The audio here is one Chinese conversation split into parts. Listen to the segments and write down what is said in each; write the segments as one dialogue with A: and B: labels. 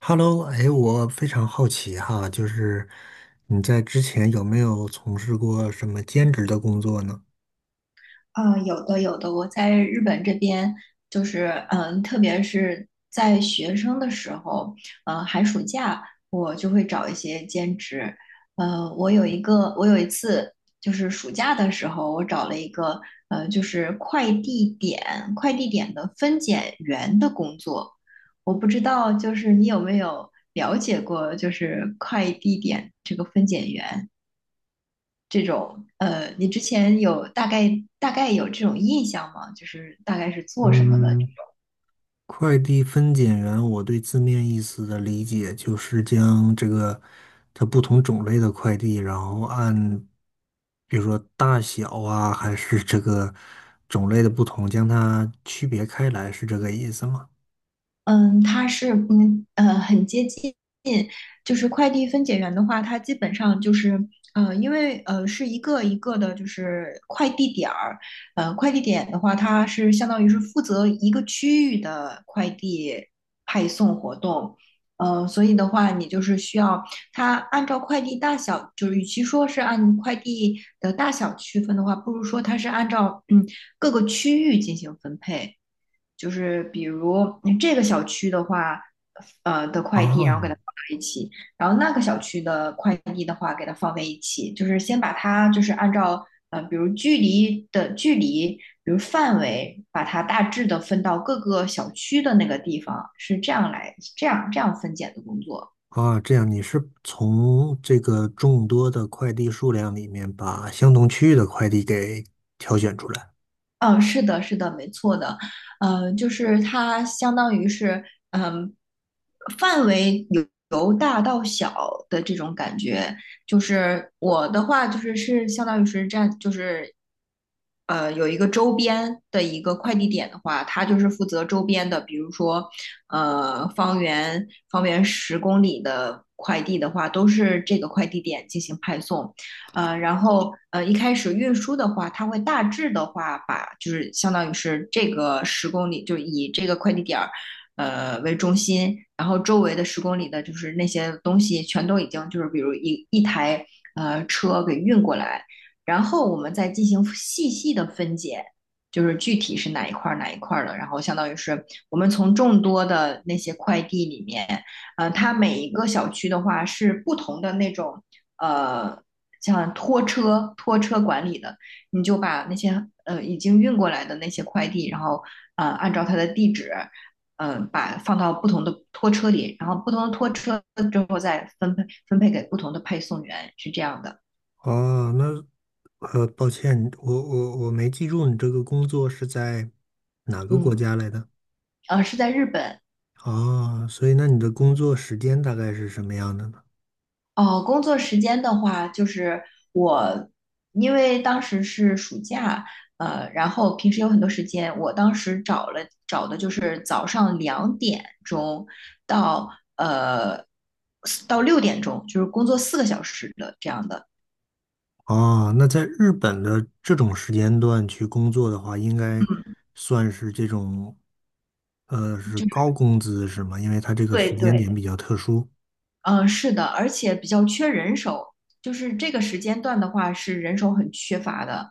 A: Hello,哎，我非常好奇哈，就是你在之前有没有从事过什么兼职的工作呢？
B: 啊，有的有的，我在日本这边就是，特别是在学生的时候，寒暑假我就会找一些兼职。我有一个，我有一次就是暑假的时候，我找了一个，就是快递点的分拣员的工作。我不知道，就是你有没有了解过，就是快递点这个分拣员？这种你之前有大概有这种印象吗？就是大概是做什么的？
A: 嗯，快递分拣员，我对字面意思的理解就是将这个它不同种类的快递，然后按比如说大小啊，还是这个种类的不同，将它区别开来，是这个意思吗？
B: 嗯，它是很接近，就是快递分拣员的话，它基本上就是因为是一个一个的，就是快递点儿，快递点的话，它是相当于是负责一个区域的快递派送活动，所以的话，你就是需要它按照快递大小，就是与其说是按快递的大小区分的话，不如说它是按照各个区域进行分配。就是比如这个小区的话，的快递，然后给它
A: 啊，
B: 放在一起，然后那个小区的快递的话，给它放在一起，就是先把它就是按照比如距离，比如范围，把它大致的分到各个小区的那个地方，是这样来这样分拣的工作。
A: 啊，这样你是从这个众多的快递数量里面把相同区域的快递给挑选出来。
B: 嗯，是的，是的，没错的，就是它相当于是，嗯，范围由大到小的这种感觉。就是我的话，就是是相当于是占，就是有一个周边的一个快递点的话，它就是负责周边的，比如说方圆十公里的快递的话，都是这个快递点进行派送。一开始运输的话，它会大致的话把就是相当于是这个十公里，就以这个快递点儿为中心，然后周围的十公里的就是那些东西全都已经就是比如一台车给运过来，然后我们再进行细细的分解。就是具体是哪一块儿的，然后相当于是我们从众多的那些快递里面，它每一个小区的话是不同的那种呃像拖车管理的，你就把那些已经运过来的那些快递，然后按照它的地址，把放到不同的拖车里，然后不同的拖车之后再分配给不同的配送员，是这样的。
A: 哦，那抱歉，我没记住你这个工作是在哪个国
B: 嗯，
A: 家来的。
B: 是在日本。
A: 哦，所以那你的工作时间大概是什么样的呢？
B: 哦，工作时间的话，就是我，因为当时是暑假，然后平时有很多时间，我当时找了找的就是早上2点钟到呃到6点钟，就是工作4个小时的这样的。
A: 哦，那在日本的这种时间段去工作的话，应该
B: 嗯，
A: 算是这种是
B: 就
A: 高
B: 是
A: 工资是吗？因为它这个
B: 对
A: 时间
B: 对。
A: 点比较特殊
B: 嗯，是的，而且比较缺人手，就是这个时间段的话是人手很缺乏的。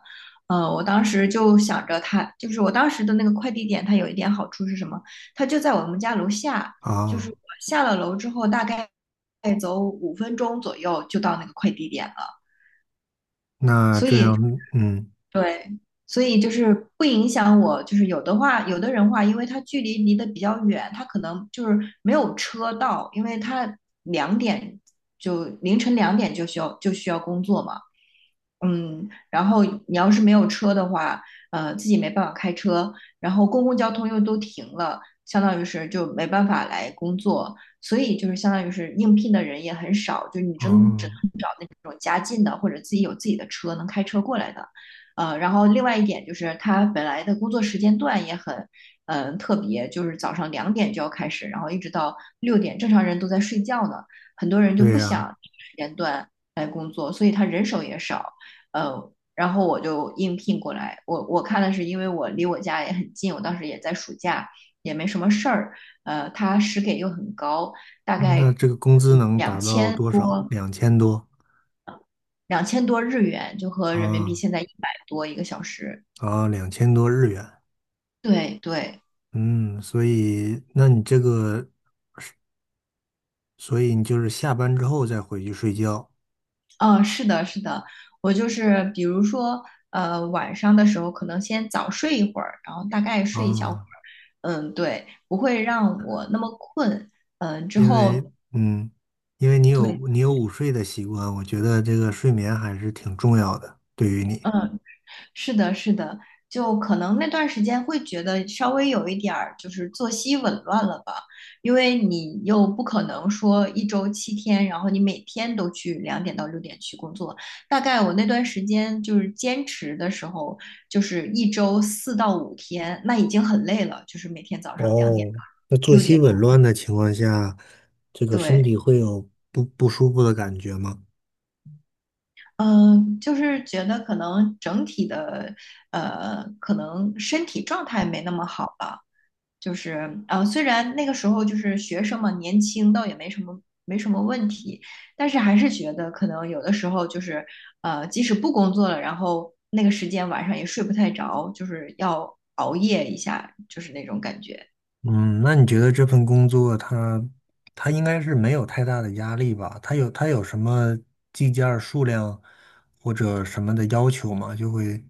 B: 我当时就想着他，就是我当时的那个快递点，它有一点好处是什么？它就在我们家楼下，就是我
A: 啊。
B: 下了楼之后，大概再走5分钟左右就到那个快递点了。
A: 那
B: 所
A: 这
B: 以。
A: 样，嗯，
B: 对，所以就是不影响我，就是有的话，有的人话，因为他距离离得比较远，他可能就是没有车到，因为他两点就凌晨两点就需要工作嘛，嗯，然后你要是没有车的话，自己没办法开车，然后公共交通又都停了，相当于是就没办法来工作，所以就是相当于是应聘的人也很少，就是你真只
A: 哦，
B: 能找那种家近的或者自己有自己的车能开车过来的。然后另外一点就是他本来的工作时间段也很，嗯、特别，就是早上两点就要开始，然后一直到六点，正常人都在睡觉呢，很多人就
A: 对
B: 不
A: 呀，
B: 想时间段来工作，所以他人手也少，然后我就应聘过来，我看的是因为我离我家也很近，我当时也在暑假，也没什么事儿，他时给又很高，大
A: 那
B: 概
A: 这个工资能
B: 两
A: 达到多少？两千多
B: 2000多日元，就和人民币
A: 啊
B: 现在100多一个小时，
A: 啊，两千多日元。
B: 对对。
A: 嗯，所以，那你这个，所以你就是下班之后再回去睡觉
B: 嗯，是的，是的，我就是比如说，晚上的时候可能先早睡一会儿，然后大概睡一小会儿，
A: 啊，
B: 嗯，对，不会让我那么困。嗯，之
A: 因为，
B: 后
A: 嗯，因为你
B: 对。
A: 有你有午睡的习惯，我觉得这个睡眠还是挺重要的，对于你。
B: 嗯，是的，是的，就可能那段时间会觉得稍微有一点儿就是作息紊乱了吧，因为你又不可能说1周7天，然后你每天都去两点到六点去工作。大概我那段时间就是坚持的时候，就是1周4到5天，那已经很累了，就是每天早上两点
A: 哦，
B: 到
A: 那作
B: 六
A: 息
B: 点。
A: 紊乱的情况下，这个身
B: 对。
A: 体会有不不舒服的感觉吗？
B: 嗯，就是觉得可能整体的，可能身体状态没那么好吧。就是虽然那个时候就是学生嘛，年轻倒也没什么没什么问题，但是还是觉得可能有的时候就是即使不工作了，然后那个时间晚上也睡不太着，就是要熬夜一下，就是那种感觉。
A: 嗯，那你觉得这份工作它应该是没有太大的压力吧？它有什么计件儿数量或者什么的要求吗？就会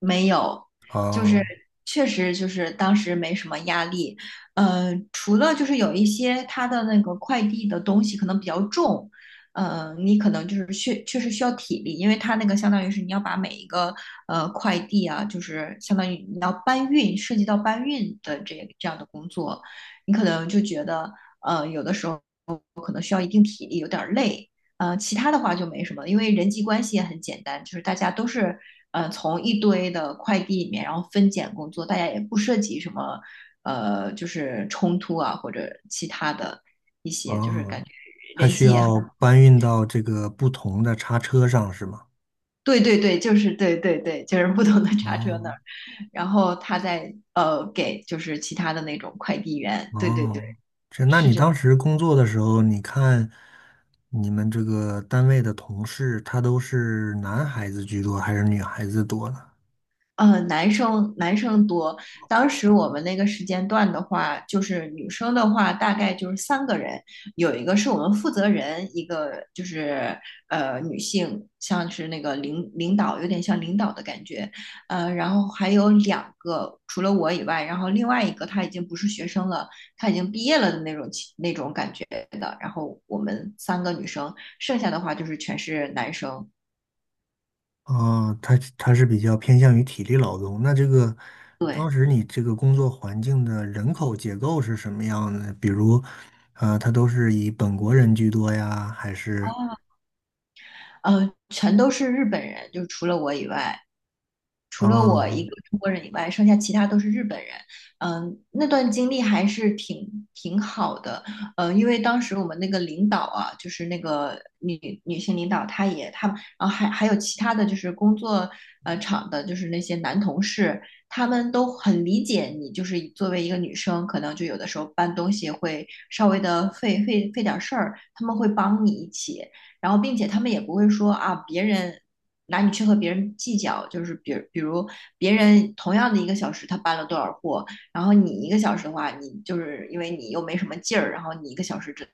B: 没有，就是
A: 啊
B: 确实就是当时没什么压力，除了就是有一些他的那个快递的东西可能比较重，你可能就是确确实需要体力，因为他那个相当于是你要把每一个快递啊，就是相当于你要搬运，涉及到搬运的这样的工作，你可能就觉得有的时候可能需要一定体力，有点儿累。其他的话就没什么，因为人际关系也很简单，就是大家都是从一堆的快递里面，然后分拣工作，大家也不涉及什么就是冲突啊或者其他的一
A: 啊，
B: 些，就是感觉
A: 它
B: 人
A: 需
B: 际也很
A: 要搬运到这个不同的叉车上是吗？
B: 对对对，就是对对对，就是不同的叉车那
A: 哦
B: 儿，然后他在给就是其他的那种快递员，对对对，
A: 哦，这那
B: 是
A: 你
B: 这样。
A: 当时工作的时候，你看你们这个单位的同事，他都是男孩子居多还是女孩子多呢？
B: 男生多。当时我们那个时间段的话，就是女生的话，大概就是3个人，有一个是我们负责人，一个就是女性，像是那个领导，有点像领导的感觉。然后还有两个，除了我以外，然后另外一个他已经不是学生了，他已经毕业了的那种感觉的。然后我们3个女生，剩下的话就是全是男生。
A: 啊，他是比较偏向于体力劳动。那这个
B: 对。
A: 当时你这个工作环境的人口结构是什么样的？比如，呃，他都是以本国人居多呀，还是
B: 全都是日本人，就除了我以外，除了我一
A: 啊？
B: 个中国人以外，剩下其他都是日本人。嗯，那段经历还是挺挺好的。嗯，因为当时我们那个领导啊，就是那个女性领导，她也她，然后还还有其他的就是工作场的，就是那些男同事，他们都很理解你，就是作为一个女生，可能就有的时候搬东西会稍微的费点事儿，他们会帮你一起，然后并且他们也不会说啊别人。拿你去和别人计较，就是比如别人同样的一个小时他搬了多少货，然后你一个小时的话，你就是因为你又没什么劲儿，然后你一个小时只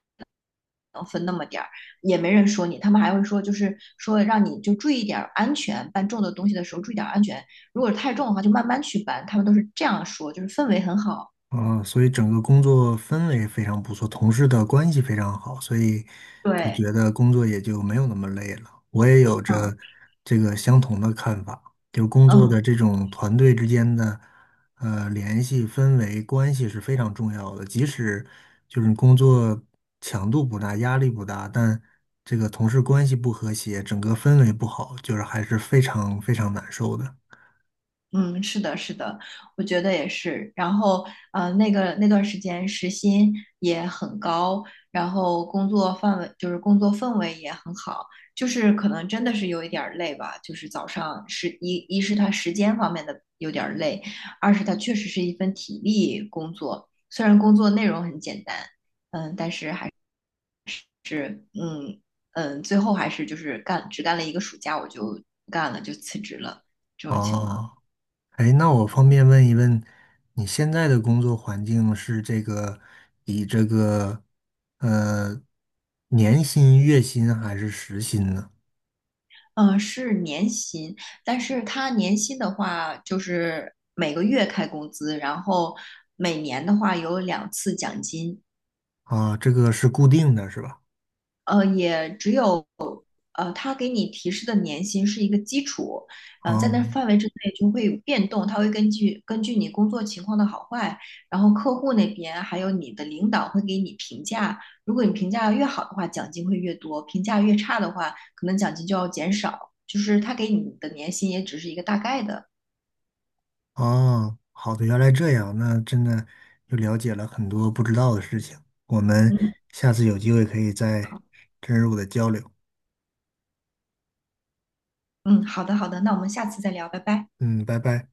B: 能分那么点儿，也没人说你，他们还会说就是说让你就注意点儿安全，搬重的东西的时候注意点儿安全，如果太重的话就慢慢去搬，他们都是这样说，就是氛围很好。
A: 嗯，所以整个工作氛围非常不错，同事的关系非常好，所以就
B: 对，
A: 觉得工作也就没有那么累了。我也有着
B: 嗯
A: 这个相同的看法，就工作的
B: 嗯。
A: 这种团队之间的联系、氛围、关系是非常重要的。即使就是工作强度不大、压力不大，但这个同事关系不和谐，整个氛围不好，就是还是非常非常难受的。
B: 嗯，是的，是的，我觉得也是。然后，那段时间时薪也很高，然后工作氛围也很好，就是可能真的是有一点儿累吧。就是早上是一是它时间方面的有点儿累，二是它确实是一份体力工作，虽然工作内容很简单，嗯嗯嗯，最后还是就是只干了一个暑假我就不干了，就辞职了这种情况。
A: 哦。哎，那我方便问一问，你现在的工作环境是这个以这个呃年薪、月薪还是时薪呢？
B: 嗯，是年薪，但是他年薪的话，就是每个月开工资，然后每年的话有2次奖金。
A: 啊，这个是固定的，是吧？
B: 呃，也只有呃，他给你提示的年薪是一个基础，在那
A: 啊
B: 范围之内就会有变动，他会根据你工作情况的好坏，然后客户那边还有你的领导会给你评价，如果你评价越好的话，奖金会越多；评价越差的话，可能奖金就要减少。就是他给你的年薪也只是一个大概的。
A: 啊，好的，原来这样，那真的又了解了很多不知道的事情。我们
B: 嗯
A: 下次有机会可以再
B: 好，
A: 深入的交流。
B: 嗯，好的好的，那我们下次再聊，拜拜。
A: 嗯，拜拜。